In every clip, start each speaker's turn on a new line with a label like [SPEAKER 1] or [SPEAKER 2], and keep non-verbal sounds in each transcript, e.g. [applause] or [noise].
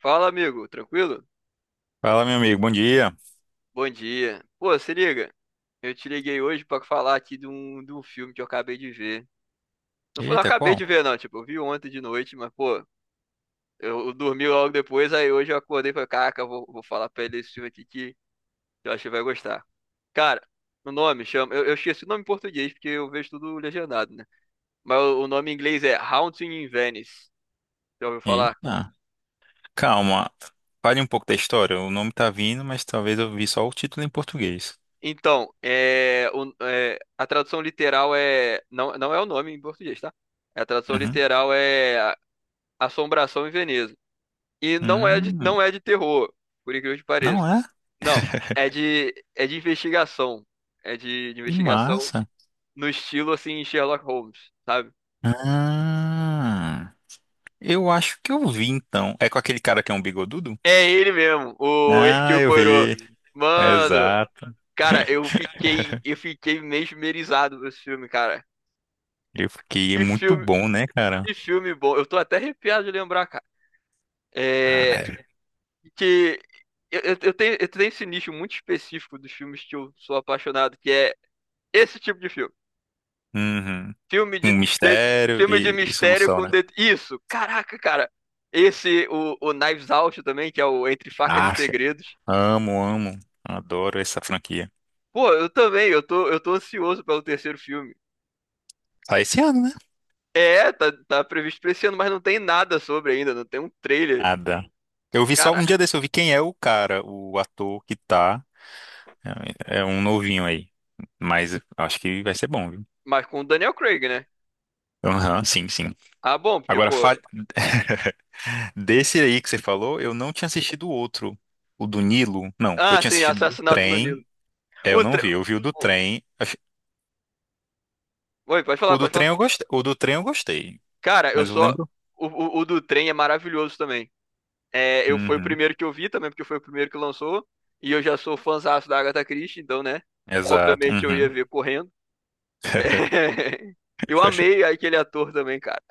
[SPEAKER 1] Fala, amigo, tranquilo?
[SPEAKER 2] Fala, meu amigo, bom dia.
[SPEAKER 1] Bom dia. Pô, se liga, eu te liguei hoje pra falar aqui de um filme que eu acabei de ver. Não foi, não
[SPEAKER 2] Eita,
[SPEAKER 1] acabei
[SPEAKER 2] qual?
[SPEAKER 1] de ver, não, tipo, eu vi ontem de noite, mas, pô, eu dormi logo depois, aí hoje eu acordei e falei, caraca, eu vou falar pra ele esse filme aqui que eu acho que vai gostar. Cara, o nome chama, eu esqueci o nome em português porque eu vejo tudo legendado, né? Mas o nome em inglês é Haunting in Venice. Já ouviu falar?
[SPEAKER 2] Eita, calma. Fale um pouco da história. O nome tá vindo, mas talvez eu vi só o título em português.
[SPEAKER 1] Então, é, a tradução literal é. Não, não é o nome em português, tá? A tradução
[SPEAKER 2] Uhum.
[SPEAKER 1] literal é Assombração em Veneza. E não é de,
[SPEAKER 2] Hum,
[SPEAKER 1] não é de terror, por incrível que
[SPEAKER 2] não
[SPEAKER 1] pareça.
[SPEAKER 2] é?
[SPEAKER 1] Não, é
[SPEAKER 2] [laughs]
[SPEAKER 1] de, é de investigação. É de
[SPEAKER 2] Que
[SPEAKER 1] investigação
[SPEAKER 2] massa.
[SPEAKER 1] no estilo assim Sherlock Holmes, sabe?
[SPEAKER 2] Ah, eu acho que eu vi então. É com aquele cara que é um bigodudo?
[SPEAKER 1] É ele mesmo, o
[SPEAKER 2] Ah,
[SPEAKER 1] Hercule
[SPEAKER 2] eu
[SPEAKER 1] Poirot.
[SPEAKER 2] vi.
[SPEAKER 1] Mano,
[SPEAKER 2] Exato.
[SPEAKER 1] cara, eu fiquei mesmerizado com esse filme, cara.
[SPEAKER 2] Eu fiquei é
[SPEAKER 1] Que
[SPEAKER 2] muito
[SPEAKER 1] filme,
[SPEAKER 2] bom, né, cara?
[SPEAKER 1] que filme bom. Eu tô até arrepiado de lembrar, cara. É,
[SPEAKER 2] Caralho.
[SPEAKER 1] que eu tenho esse nicho muito específico dos filmes que eu sou apaixonado, que é esse tipo de filme.
[SPEAKER 2] Uhum. Um
[SPEAKER 1] Sério?
[SPEAKER 2] mistério
[SPEAKER 1] Filme de
[SPEAKER 2] e
[SPEAKER 1] mistério
[SPEAKER 2] solução,
[SPEAKER 1] com
[SPEAKER 2] né?
[SPEAKER 1] isso. Caraca, cara. Esse o Knives Out também, que é o Entre Facas e
[SPEAKER 2] Acha.
[SPEAKER 1] Segredos.
[SPEAKER 2] Amo, amo. Adoro essa franquia.
[SPEAKER 1] Pô, eu também, eu tô ansioso pelo terceiro filme.
[SPEAKER 2] Sai esse ano, né?
[SPEAKER 1] É, tá previsto pra esse ano, mas não tem nada sobre ainda, não tem um trailer.
[SPEAKER 2] Nada. Eu
[SPEAKER 1] Mas
[SPEAKER 2] vi só
[SPEAKER 1] cara,
[SPEAKER 2] um dia
[SPEAKER 1] qual
[SPEAKER 2] desse, eu vi quem é o cara, o ator que tá. É um novinho aí. Mas acho que vai ser bom, viu?
[SPEAKER 1] mas com o Daniel Craig, né?
[SPEAKER 2] Aham, [laughs] sim, sim.
[SPEAKER 1] Ah, bom, porque,
[SPEAKER 2] Agora,
[SPEAKER 1] pô.
[SPEAKER 2] [laughs] desse aí que você falou, eu não tinha assistido o outro. O do Nilo. Não, eu
[SPEAKER 1] Ah,
[SPEAKER 2] tinha
[SPEAKER 1] sim,
[SPEAKER 2] assistido o do
[SPEAKER 1] Assassinato no
[SPEAKER 2] trem.
[SPEAKER 1] Nilo.
[SPEAKER 2] É,
[SPEAKER 1] O,
[SPEAKER 2] eu
[SPEAKER 1] é
[SPEAKER 2] não vi. Eu vi o do
[SPEAKER 1] bom?
[SPEAKER 2] trem.
[SPEAKER 1] Oi, pode
[SPEAKER 2] O
[SPEAKER 1] falar,
[SPEAKER 2] do
[SPEAKER 1] pode falar.
[SPEAKER 2] trem eu gostei. O do trem eu gostei.
[SPEAKER 1] Cara, eu
[SPEAKER 2] Mas eu
[SPEAKER 1] só.
[SPEAKER 2] lembro.
[SPEAKER 1] O do trem é maravilhoso também. É, eu foi o
[SPEAKER 2] Uhum,
[SPEAKER 1] primeiro que eu vi também, porque foi o primeiro que lançou. E eu já sou fãzaço da Agatha Christie, então, né?
[SPEAKER 2] exato.
[SPEAKER 1] Obviamente eu ia
[SPEAKER 2] Uhum.
[SPEAKER 1] ver correndo. É.
[SPEAKER 2] [laughs]
[SPEAKER 1] [laughs] Eu amei aquele ator também, cara.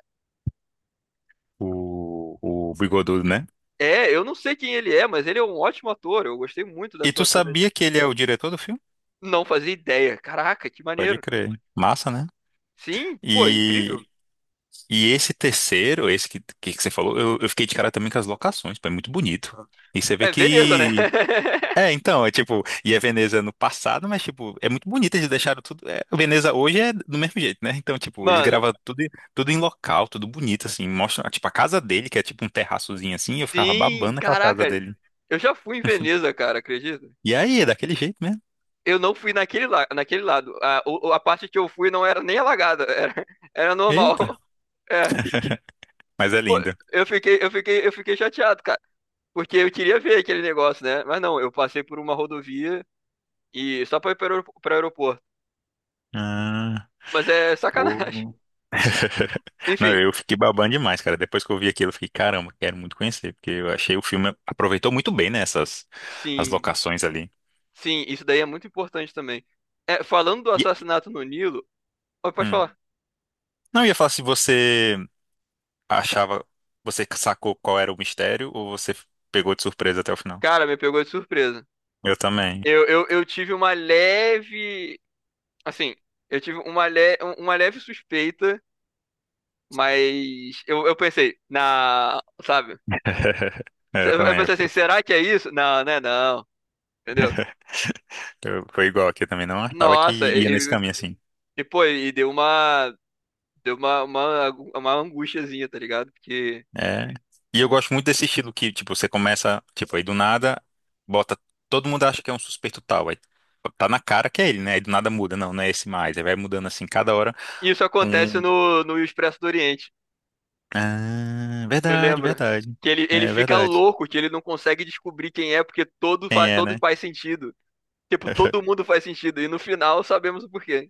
[SPEAKER 2] O, o Bigodudo, né?
[SPEAKER 1] É, eu não sei quem ele é, mas ele é um ótimo ator. Eu gostei muito da
[SPEAKER 2] E tu
[SPEAKER 1] atuação dele.
[SPEAKER 2] sabia que ele é o diretor do filme?
[SPEAKER 1] Não fazia ideia. Caraca, que
[SPEAKER 2] Pode
[SPEAKER 1] maneiro.
[SPEAKER 2] crer. Massa, né?
[SPEAKER 1] Sim, pô,
[SPEAKER 2] E,
[SPEAKER 1] incrível.
[SPEAKER 2] e esse terceiro, esse que você falou, eu fiquei de cara também com as locações, pô, é muito bonito. E você vê
[SPEAKER 1] É Veneza, né? [laughs]
[SPEAKER 2] que. É, então, é tipo, e a Veneza no passado, mas tipo, é muito bonito, eles deixaram tudo. É, a Veneza hoje é do mesmo jeito, né? Então, tipo, eles
[SPEAKER 1] Mano,
[SPEAKER 2] gravam tudo, tudo em local, tudo bonito, assim. Mostra, tipo, a casa dele, que é tipo um terraçozinho assim, eu ficava babando
[SPEAKER 1] sim,
[SPEAKER 2] naquela casa
[SPEAKER 1] caraca.
[SPEAKER 2] dele.
[SPEAKER 1] Eu já fui em Veneza, cara, acredita?
[SPEAKER 2] E aí, é daquele jeito mesmo.
[SPEAKER 1] Eu não fui naquele lado. A parte que eu fui não era nem alagada, [laughs] era
[SPEAKER 2] Eita,
[SPEAKER 1] normal. É.
[SPEAKER 2] mas é
[SPEAKER 1] Pô,
[SPEAKER 2] linda.
[SPEAKER 1] eu fiquei chateado, cara. Porque eu queria ver aquele negócio, né? Mas não, eu passei por uma rodovia e só pra ir para o aeroporto.
[SPEAKER 2] Ah,
[SPEAKER 1] Mas é sacanagem.
[SPEAKER 2] pô.
[SPEAKER 1] [laughs]
[SPEAKER 2] [laughs] Não,
[SPEAKER 1] Enfim,
[SPEAKER 2] eu fiquei babando demais, cara. Depois que eu vi aquilo, eu fiquei, caramba, quero muito conhecer, porque eu achei o filme aproveitou muito bem, né, essas as
[SPEAKER 1] sim,
[SPEAKER 2] locações ali.
[SPEAKER 1] sim, isso daí é muito importante também. É, falando do
[SPEAKER 2] E-
[SPEAKER 1] Assassinato no Nilo, ó, pode
[SPEAKER 2] hum.
[SPEAKER 1] falar.
[SPEAKER 2] Não, eu ia falar se você achava, você sacou qual era o mistério ou você pegou de surpresa até o final.
[SPEAKER 1] Cara, me pegou de surpresa.
[SPEAKER 2] Eu também.
[SPEAKER 1] Eu tive uma leve, assim, eu tive uma, le, uma leve suspeita. Mas eu pensei, sabe?
[SPEAKER 2] [laughs] Eu
[SPEAKER 1] Eu
[SPEAKER 2] também.
[SPEAKER 1] pensei assim, será que é isso? Não, não é não, entendeu?
[SPEAKER 2] Foi igual aqui eu também. Não achava que
[SPEAKER 1] Nossa,
[SPEAKER 2] ia nesse
[SPEAKER 1] e, e,
[SPEAKER 2] caminho assim.
[SPEAKER 1] e, pô, e deu uma angustiazinha, tá ligado? Porque
[SPEAKER 2] É. E eu gosto muito desse estilo que, tipo, você começa, tipo, aí do nada, bota. Todo mundo acha que é um suspeito tal. Aí tá na cara que é ele, né? Aí do nada muda. Não, não é esse mais. Aí vai mudando assim, cada hora
[SPEAKER 1] isso acontece
[SPEAKER 2] um.
[SPEAKER 1] no Expresso do Oriente,
[SPEAKER 2] Ah,
[SPEAKER 1] tu
[SPEAKER 2] verdade,
[SPEAKER 1] lembra?
[SPEAKER 2] verdade.
[SPEAKER 1] Que ele
[SPEAKER 2] É
[SPEAKER 1] fica
[SPEAKER 2] verdade.
[SPEAKER 1] louco, que ele não consegue descobrir quem é, porque todo,
[SPEAKER 2] Quem
[SPEAKER 1] fa-
[SPEAKER 2] é,
[SPEAKER 1] todo
[SPEAKER 2] né?
[SPEAKER 1] faz sentido. Tipo, todo mundo faz sentido, e no final sabemos o porquê.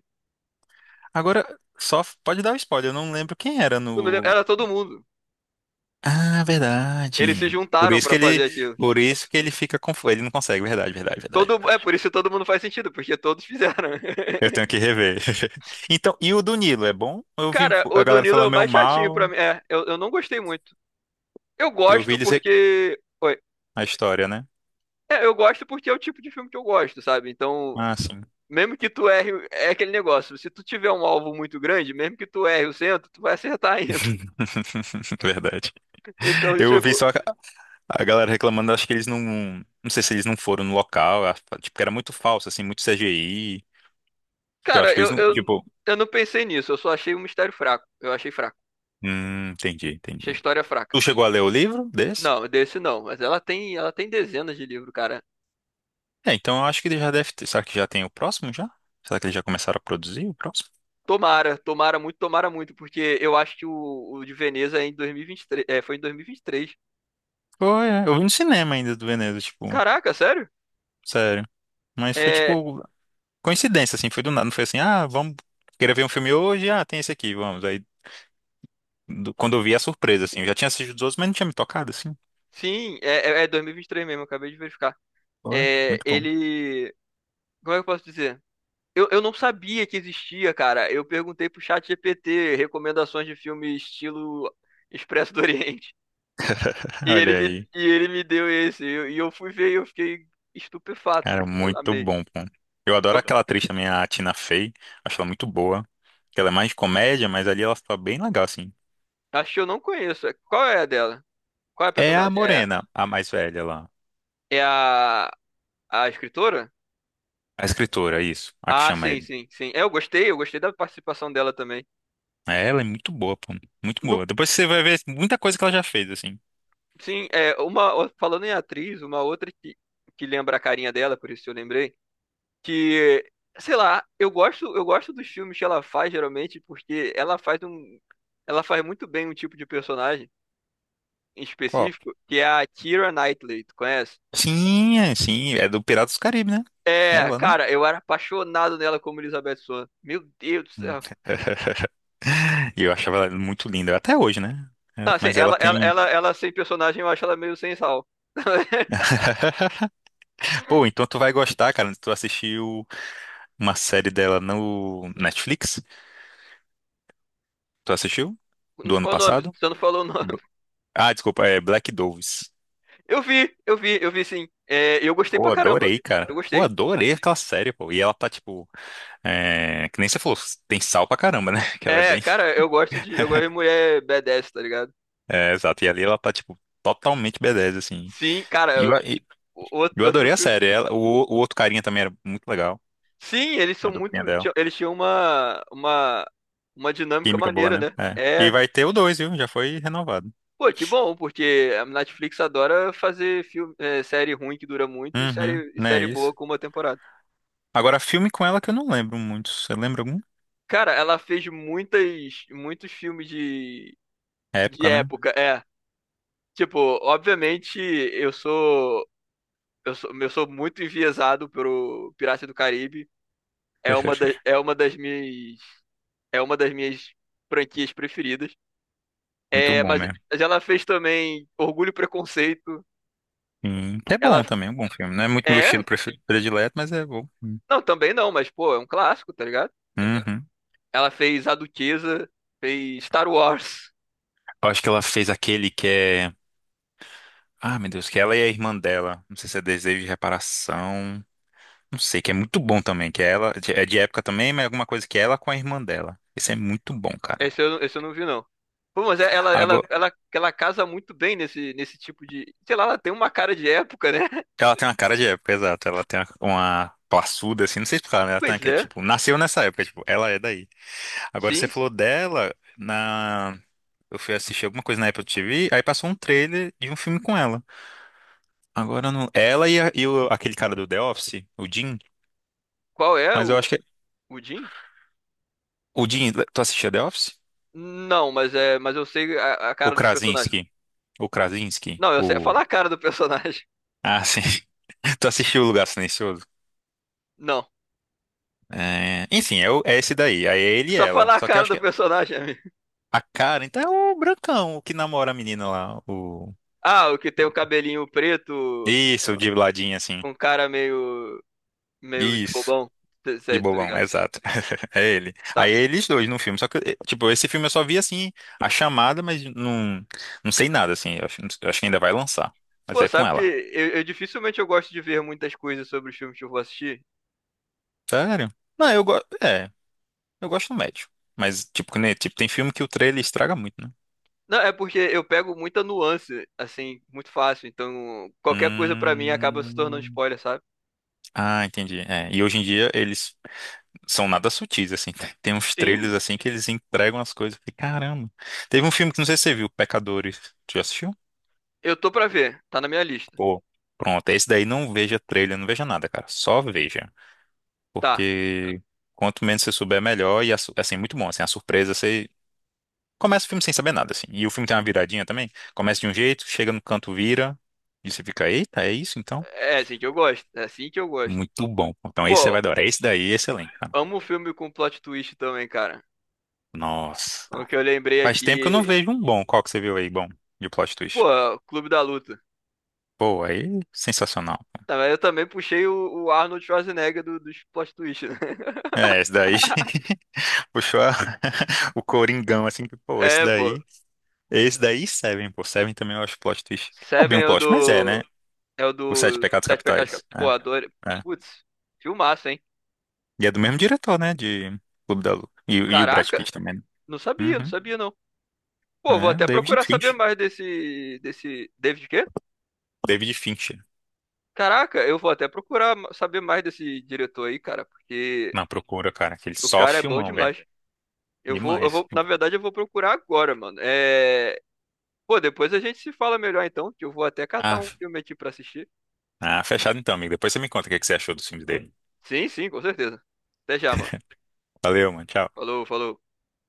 [SPEAKER 2] Agora, só pode dar o spoiler, eu não lembro quem era
[SPEAKER 1] Tu não lembra?
[SPEAKER 2] no.
[SPEAKER 1] Era todo mundo.
[SPEAKER 2] Ah,
[SPEAKER 1] Eles se
[SPEAKER 2] verdade. Por
[SPEAKER 1] juntaram
[SPEAKER 2] isso que
[SPEAKER 1] pra fazer
[SPEAKER 2] ele.
[SPEAKER 1] aquilo.
[SPEAKER 2] Por isso que ele fica confuso. Ele não consegue, verdade, verdade, verdade,
[SPEAKER 1] É por
[SPEAKER 2] verdade.
[SPEAKER 1] isso todo mundo faz sentido, porque todos fizeram.
[SPEAKER 2] Eu tenho
[SPEAKER 1] [laughs]
[SPEAKER 2] que rever. [laughs] Então, e o do Nilo, é bom? Eu vi
[SPEAKER 1] Cara, o
[SPEAKER 2] a galera
[SPEAKER 1] Danilo é
[SPEAKER 2] falando
[SPEAKER 1] o
[SPEAKER 2] meio
[SPEAKER 1] mais chatinho pra
[SPEAKER 2] mal,
[SPEAKER 1] mim. É, eu não gostei muito. Eu
[SPEAKER 2] eu ouvi
[SPEAKER 1] gosto
[SPEAKER 2] dizer
[SPEAKER 1] porque. Oi.
[SPEAKER 2] a história, né?
[SPEAKER 1] É, eu gosto porque é o tipo de filme que eu gosto, sabe? Então,
[SPEAKER 2] Ah, sim.
[SPEAKER 1] mesmo que tu erre, é aquele negócio. Se tu tiver um alvo muito grande, mesmo que tu erre o centro, tu vai acertar ainda. [laughs]
[SPEAKER 2] [laughs] Verdade.
[SPEAKER 1] Então,
[SPEAKER 2] Eu ouvi
[SPEAKER 1] tipo,
[SPEAKER 2] só a galera reclamando, acho que eles não. Não sei se eles não foram no local, tipo, que era muito falso, assim, muito CGI. Que eu
[SPEAKER 1] cara,
[SPEAKER 2] acho que eles
[SPEAKER 1] eu,
[SPEAKER 2] não.
[SPEAKER 1] eu,
[SPEAKER 2] Tipo.
[SPEAKER 1] eu não pensei nisso. Eu só achei o mistério fraco. Eu achei fraco.
[SPEAKER 2] Entendi,
[SPEAKER 1] Achei
[SPEAKER 2] entendi.
[SPEAKER 1] a história fraca.
[SPEAKER 2] Tu chegou a ler o livro desse?
[SPEAKER 1] Não, desse não. Mas ela tem dezenas de livros, cara.
[SPEAKER 2] É, então eu acho que ele já deve ter. Será que já tem o próximo já? Será que eles já começaram a produzir o próximo?
[SPEAKER 1] Tomara, tomara muito, porque eu acho que o de Veneza é em 2023, é, foi em 2023.
[SPEAKER 2] Foi, é. Eu vi no cinema ainda do Veneza, tipo.
[SPEAKER 1] Caraca, sério?
[SPEAKER 2] Sério. Mas foi
[SPEAKER 1] É,
[SPEAKER 2] tipo coincidência, assim, foi do nada. Não foi assim, ah, vamos querer ver um filme hoje, ah, tem esse aqui, vamos. Aí quando eu vi a surpresa, assim, eu já tinha assistido os outros, mas não tinha me tocado, assim.
[SPEAKER 1] sim, é 2023 mesmo, acabei de verificar.
[SPEAKER 2] Foi
[SPEAKER 1] É,
[SPEAKER 2] muito bom.
[SPEAKER 1] ele, como é que eu posso dizer? Eu não sabia que existia, cara. Eu perguntei pro chat GPT recomendações de filme estilo Expresso do Oriente.
[SPEAKER 2] [laughs]
[SPEAKER 1] E
[SPEAKER 2] Olha
[SPEAKER 1] ele me, É,
[SPEAKER 2] aí,
[SPEAKER 1] e ele me deu esse. E eu fui ver e eu fiquei estupefato.
[SPEAKER 2] cara, muito
[SPEAKER 1] Amei.
[SPEAKER 2] bom, pô. Eu adoro
[SPEAKER 1] Tá.
[SPEAKER 2] aquela atriz também, a Tina Fey, acho ela muito boa. Ela é mais de comédia, mas ali ela tá bem legal, assim.
[SPEAKER 1] Acho que eu não conheço. Qual é a dela? Qual é a
[SPEAKER 2] É a
[SPEAKER 1] personagem? É
[SPEAKER 2] Morena, a mais velha lá.
[SPEAKER 1] É a escritora?
[SPEAKER 2] A escritora, isso, a que
[SPEAKER 1] Ah,
[SPEAKER 2] chama
[SPEAKER 1] sim,
[SPEAKER 2] ele.
[SPEAKER 1] sim, sim. É, eu gostei da participação dela também.
[SPEAKER 2] É, ela é muito boa, pô. Muito
[SPEAKER 1] No-
[SPEAKER 2] boa. Depois você vai ver muita coisa que ela já fez, assim.
[SPEAKER 1] sim, falando em atriz, uma outra que lembra a carinha dela, por isso eu lembrei, que sei lá, eu gosto dos filmes que ela faz geralmente porque ela faz muito bem um tipo de personagem em
[SPEAKER 2] Qual?
[SPEAKER 1] específico, que é a Keira Knightley, tu conhece?
[SPEAKER 2] Sim, sim, é do Piratas do Caribe, né?
[SPEAKER 1] É,
[SPEAKER 2] Ela, né?
[SPEAKER 1] cara, eu era apaixonado nela como Elizabeth Swann. Meu Deus do
[SPEAKER 2] Hum.
[SPEAKER 1] céu.
[SPEAKER 2] [laughs] E eu achava ela muito linda, até hoje, né? É,
[SPEAKER 1] Ah, sim,
[SPEAKER 2] Mas ela
[SPEAKER 1] ela, ela,
[SPEAKER 2] tem.
[SPEAKER 1] ela, ela sem personagem, eu acho ela meio sem sal. [laughs]
[SPEAKER 2] [laughs] Pô, então tu vai gostar, cara. Tu assistiu uma série dela no Netflix? Tu assistiu?
[SPEAKER 1] Não
[SPEAKER 2] Do ano
[SPEAKER 1] ficou o nome,
[SPEAKER 2] passado?
[SPEAKER 1] você não falou o nome.
[SPEAKER 2] B- Ah, desculpa, é Black Doves.
[SPEAKER 1] Eu vi, eu vi, eu vi sim. É, eu gostei
[SPEAKER 2] Pô,
[SPEAKER 1] pra caramba.
[SPEAKER 2] adorei, cara.
[SPEAKER 1] Eu
[SPEAKER 2] Pô,
[SPEAKER 1] gostei.
[SPEAKER 2] adorei aquela série, pô. E ela tá, tipo, é, que nem você falou, tem sal pra caramba, né? [laughs] Que ela é
[SPEAKER 1] É,
[SPEAKER 2] bem.
[SPEAKER 1] cara, eu gosto de. Eu gosto de
[SPEAKER 2] [laughs]
[SPEAKER 1] mulher badass, tá ligado?
[SPEAKER 2] É, exato. E ali ela tá, tipo, totalmente b assim.
[SPEAKER 1] Sim, cara, outro,
[SPEAKER 2] Eu
[SPEAKER 1] outro
[SPEAKER 2] adorei a
[SPEAKER 1] filme.
[SPEAKER 2] série. Ela, o outro carinha também era muito legal.
[SPEAKER 1] Sim, eles
[SPEAKER 2] A
[SPEAKER 1] são
[SPEAKER 2] duplinha
[SPEAKER 1] muito.
[SPEAKER 2] dela.
[SPEAKER 1] Eles tinham uma dinâmica
[SPEAKER 2] Química boa,
[SPEAKER 1] maneira,
[SPEAKER 2] né?
[SPEAKER 1] né?
[SPEAKER 2] É. E
[SPEAKER 1] É.
[SPEAKER 2] vai ter o dois, viu? Já foi renovado.
[SPEAKER 1] Pô, que bom, porque a Netflix adora fazer filme, é, série ruim que dura muito e
[SPEAKER 2] Uhum,
[SPEAKER 1] série, e
[SPEAKER 2] né?
[SPEAKER 1] série boa
[SPEAKER 2] Isso.
[SPEAKER 1] com uma temporada.
[SPEAKER 2] Agora, filme com ela que eu não lembro muito. Você lembra algum?
[SPEAKER 1] Cara, ela fez muitas, muitos filmes de
[SPEAKER 2] Época, né?
[SPEAKER 1] época, é. Tipo, obviamente eu sou muito enviesado pelo Pirata do Caribe. É uma da, é
[SPEAKER 2] [laughs]
[SPEAKER 1] uma das minhas, é uma das minhas franquias preferidas.
[SPEAKER 2] Muito
[SPEAKER 1] É,
[SPEAKER 2] bom
[SPEAKER 1] mas,
[SPEAKER 2] mesmo.
[SPEAKER 1] mas ela fez também Orgulho e Preconceito.
[SPEAKER 2] Sim. É
[SPEAKER 1] Ela
[SPEAKER 2] bom também, é um bom filme. Não é muito meu estilo
[SPEAKER 1] é,
[SPEAKER 2] predileto, mas é bom.
[SPEAKER 1] não, também não, mas pô, é um clássico, tá ligado?
[SPEAKER 2] Uhum.
[SPEAKER 1] Ela fez A Duquesa, fez Star Wars.
[SPEAKER 2] Eu acho que ela fez aquele que é. Ah, meu Deus, que ela e a irmã dela. Não sei se é Desejo de Reparação. Não sei, que é muito bom também, que é ela é de época também, mas é alguma coisa que é ela com a irmã dela. Esse é muito bom, cara.
[SPEAKER 1] Esse eu não vi, não. Pô, mas ela, ela,
[SPEAKER 2] Agora,
[SPEAKER 1] ela, ela casa muito bem nesse, nesse tipo de. Sei lá, ela tem uma cara de época, né? [laughs]
[SPEAKER 2] ela tem uma cara de época, exato. Ela tem uma passuda, assim, não sei explicar, né? Ela tem,
[SPEAKER 1] Pois
[SPEAKER 2] que, é,
[SPEAKER 1] é,
[SPEAKER 2] tipo, nasceu nessa época, tipo, ela é daí. Agora, você
[SPEAKER 1] sim.
[SPEAKER 2] falou dela na... Eu fui assistir alguma coisa na Apple TV, aí passou um trailer de um filme com ela. Agora, eu não... ela e, aquele cara do The Office, o Jim,
[SPEAKER 1] Qual é
[SPEAKER 2] mas eu
[SPEAKER 1] o,
[SPEAKER 2] acho que...
[SPEAKER 1] o Jim?
[SPEAKER 2] O Jim, tu assistia The Office?
[SPEAKER 1] Não, mas é, mas eu sei a
[SPEAKER 2] O
[SPEAKER 1] cara dos personagens.
[SPEAKER 2] Krasinski. O Krasinski,
[SPEAKER 1] Não, eu sei.
[SPEAKER 2] o...
[SPEAKER 1] Falar a cara do personagem.
[SPEAKER 2] Ah, sim. [laughs] Tu assistiu O Lugar Silencioso?
[SPEAKER 1] [laughs] Não.
[SPEAKER 2] É, Enfim, é, é esse daí. Aí é ele e
[SPEAKER 1] Só
[SPEAKER 2] ela.
[SPEAKER 1] falar a
[SPEAKER 2] Só que eu
[SPEAKER 1] cara
[SPEAKER 2] acho
[SPEAKER 1] do
[SPEAKER 2] que
[SPEAKER 1] personagem, [laughs] amigo.
[SPEAKER 2] a Karen tá é o brancão, o que namora a menina lá. O...
[SPEAKER 1] Ah, o que tem o cabelinho preto
[SPEAKER 2] Isso, o de ladinho, assim.
[SPEAKER 1] com cara meio de
[SPEAKER 2] Isso.
[SPEAKER 1] bobão. Sei,
[SPEAKER 2] De
[SPEAKER 1] sei, tô
[SPEAKER 2] bobão,
[SPEAKER 1] ligado.
[SPEAKER 2] exato. [laughs] É ele. Aí
[SPEAKER 1] Tá.
[SPEAKER 2] é eles dois no filme. Só que, eh, tipo, esse filme eu só vi, assim, a chamada, mas não, não sei nada, assim. Eu acho que ainda vai lançar. Mas
[SPEAKER 1] Pô,
[SPEAKER 2] é com
[SPEAKER 1] sabe que
[SPEAKER 2] ela.
[SPEAKER 1] eu dificilmente eu gosto de ver muitas coisas sobre os filmes que eu vou assistir.
[SPEAKER 2] Sério? Não, eu gosto. É, eu gosto do médio. Mas, tipo, né, tipo, tem filme que o trailer estraga muito, né?
[SPEAKER 1] Não, é porque eu pego muita nuance, assim, muito fácil. Então, qualquer coisa pra mim acaba se tornando
[SPEAKER 2] Hum.
[SPEAKER 1] spoiler, sabe?
[SPEAKER 2] Ah, entendi. É, e hoje em dia eles são nada sutis, assim. [laughs] Tem uns trailers
[SPEAKER 1] Sim,
[SPEAKER 2] assim que eles entregam as coisas. Eu falei, caramba. Teve um filme que não sei se você viu, Pecadores. Tu já assistiu?
[SPEAKER 1] eu tô pra ver. Tá na minha lista.
[SPEAKER 2] Pô, pronto. Esse daí não veja trailer, não veja nada, cara. Só veja.
[SPEAKER 1] Tá.
[SPEAKER 2] Porque quanto menos você souber, melhor. E a assim, muito bom. Assim, a surpresa, você começa o filme sem saber nada, assim. E o filme tem uma viradinha também. Começa de um jeito, chega no canto, vira. E você fica, eita, é isso então?
[SPEAKER 1] É assim que eu gosto. É assim que eu gosto.
[SPEAKER 2] Muito bom. Então esse você
[SPEAKER 1] Pô,
[SPEAKER 2] vai adorar. Esse daí é excelente, cara.
[SPEAKER 1] amo filme com plot twist também, cara.
[SPEAKER 2] Nossa.
[SPEAKER 1] O que eu lembrei
[SPEAKER 2] Faz tempo que eu não
[SPEAKER 1] aqui.
[SPEAKER 2] vejo um bom. Qual que você viu aí, bom, de plot twist?
[SPEAKER 1] Pô, Clube da Luta.
[SPEAKER 2] Pô, aí, sensacional.
[SPEAKER 1] Tá, mas eu também puxei o Arnold Schwarzenegger dos plot twist, né? [laughs]
[SPEAKER 2] É, esse daí [laughs] puxou [laughs] o Coringão, assim, que, pô,
[SPEAKER 1] É, pô.
[SPEAKER 2] esse daí e Seven, pô, Seven também eu acho plot twist. Não é bem
[SPEAKER 1] Seven
[SPEAKER 2] um
[SPEAKER 1] é o
[SPEAKER 2] plot, mas é, né?
[SPEAKER 1] do. É o
[SPEAKER 2] Os Sete
[SPEAKER 1] do
[SPEAKER 2] Pecados
[SPEAKER 1] Sete Pecados.
[SPEAKER 2] Capitais.
[SPEAKER 1] Pô, adorei.
[SPEAKER 2] É, é.
[SPEAKER 1] Putz, filmaço, hein?
[SPEAKER 2] E é do mesmo diretor, né, de Clube da Luta. E o Brad
[SPEAKER 1] Caraca,
[SPEAKER 2] Pitt também, né?
[SPEAKER 1] não sabia, não
[SPEAKER 2] Uhum.
[SPEAKER 1] sabia não. Pô, vou
[SPEAKER 2] É, o
[SPEAKER 1] até
[SPEAKER 2] David
[SPEAKER 1] procurar saber
[SPEAKER 2] Fincher.
[SPEAKER 1] mais desse David quê?
[SPEAKER 2] David Fincher.
[SPEAKER 1] Caraca, eu vou até procurar saber mais desse diretor aí, cara, porque
[SPEAKER 2] Na procura, cara, aquele
[SPEAKER 1] o
[SPEAKER 2] só
[SPEAKER 1] cara é bom
[SPEAKER 2] filmão, velho.
[SPEAKER 1] demais. Eu vou, eu
[SPEAKER 2] Demais.
[SPEAKER 1] vou, na verdade, eu vou procurar agora, mano. É, pô, depois a gente se fala melhor então, que eu vou até catar
[SPEAKER 2] Ah,
[SPEAKER 1] um
[SPEAKER 2] f-
[SPEAKER 1] filme aqui pra assistir.
[SPEAKER 2] ah, fechado então, amigo. Depois você me conta o que que você achou dos filmes dele.
[SPEAKER 1] Sim, sim, com certeza. Até já, mano.
[SPEAKER 2] Valeu, mano. Tchau.
[SPEAKER 1] Falou, falou.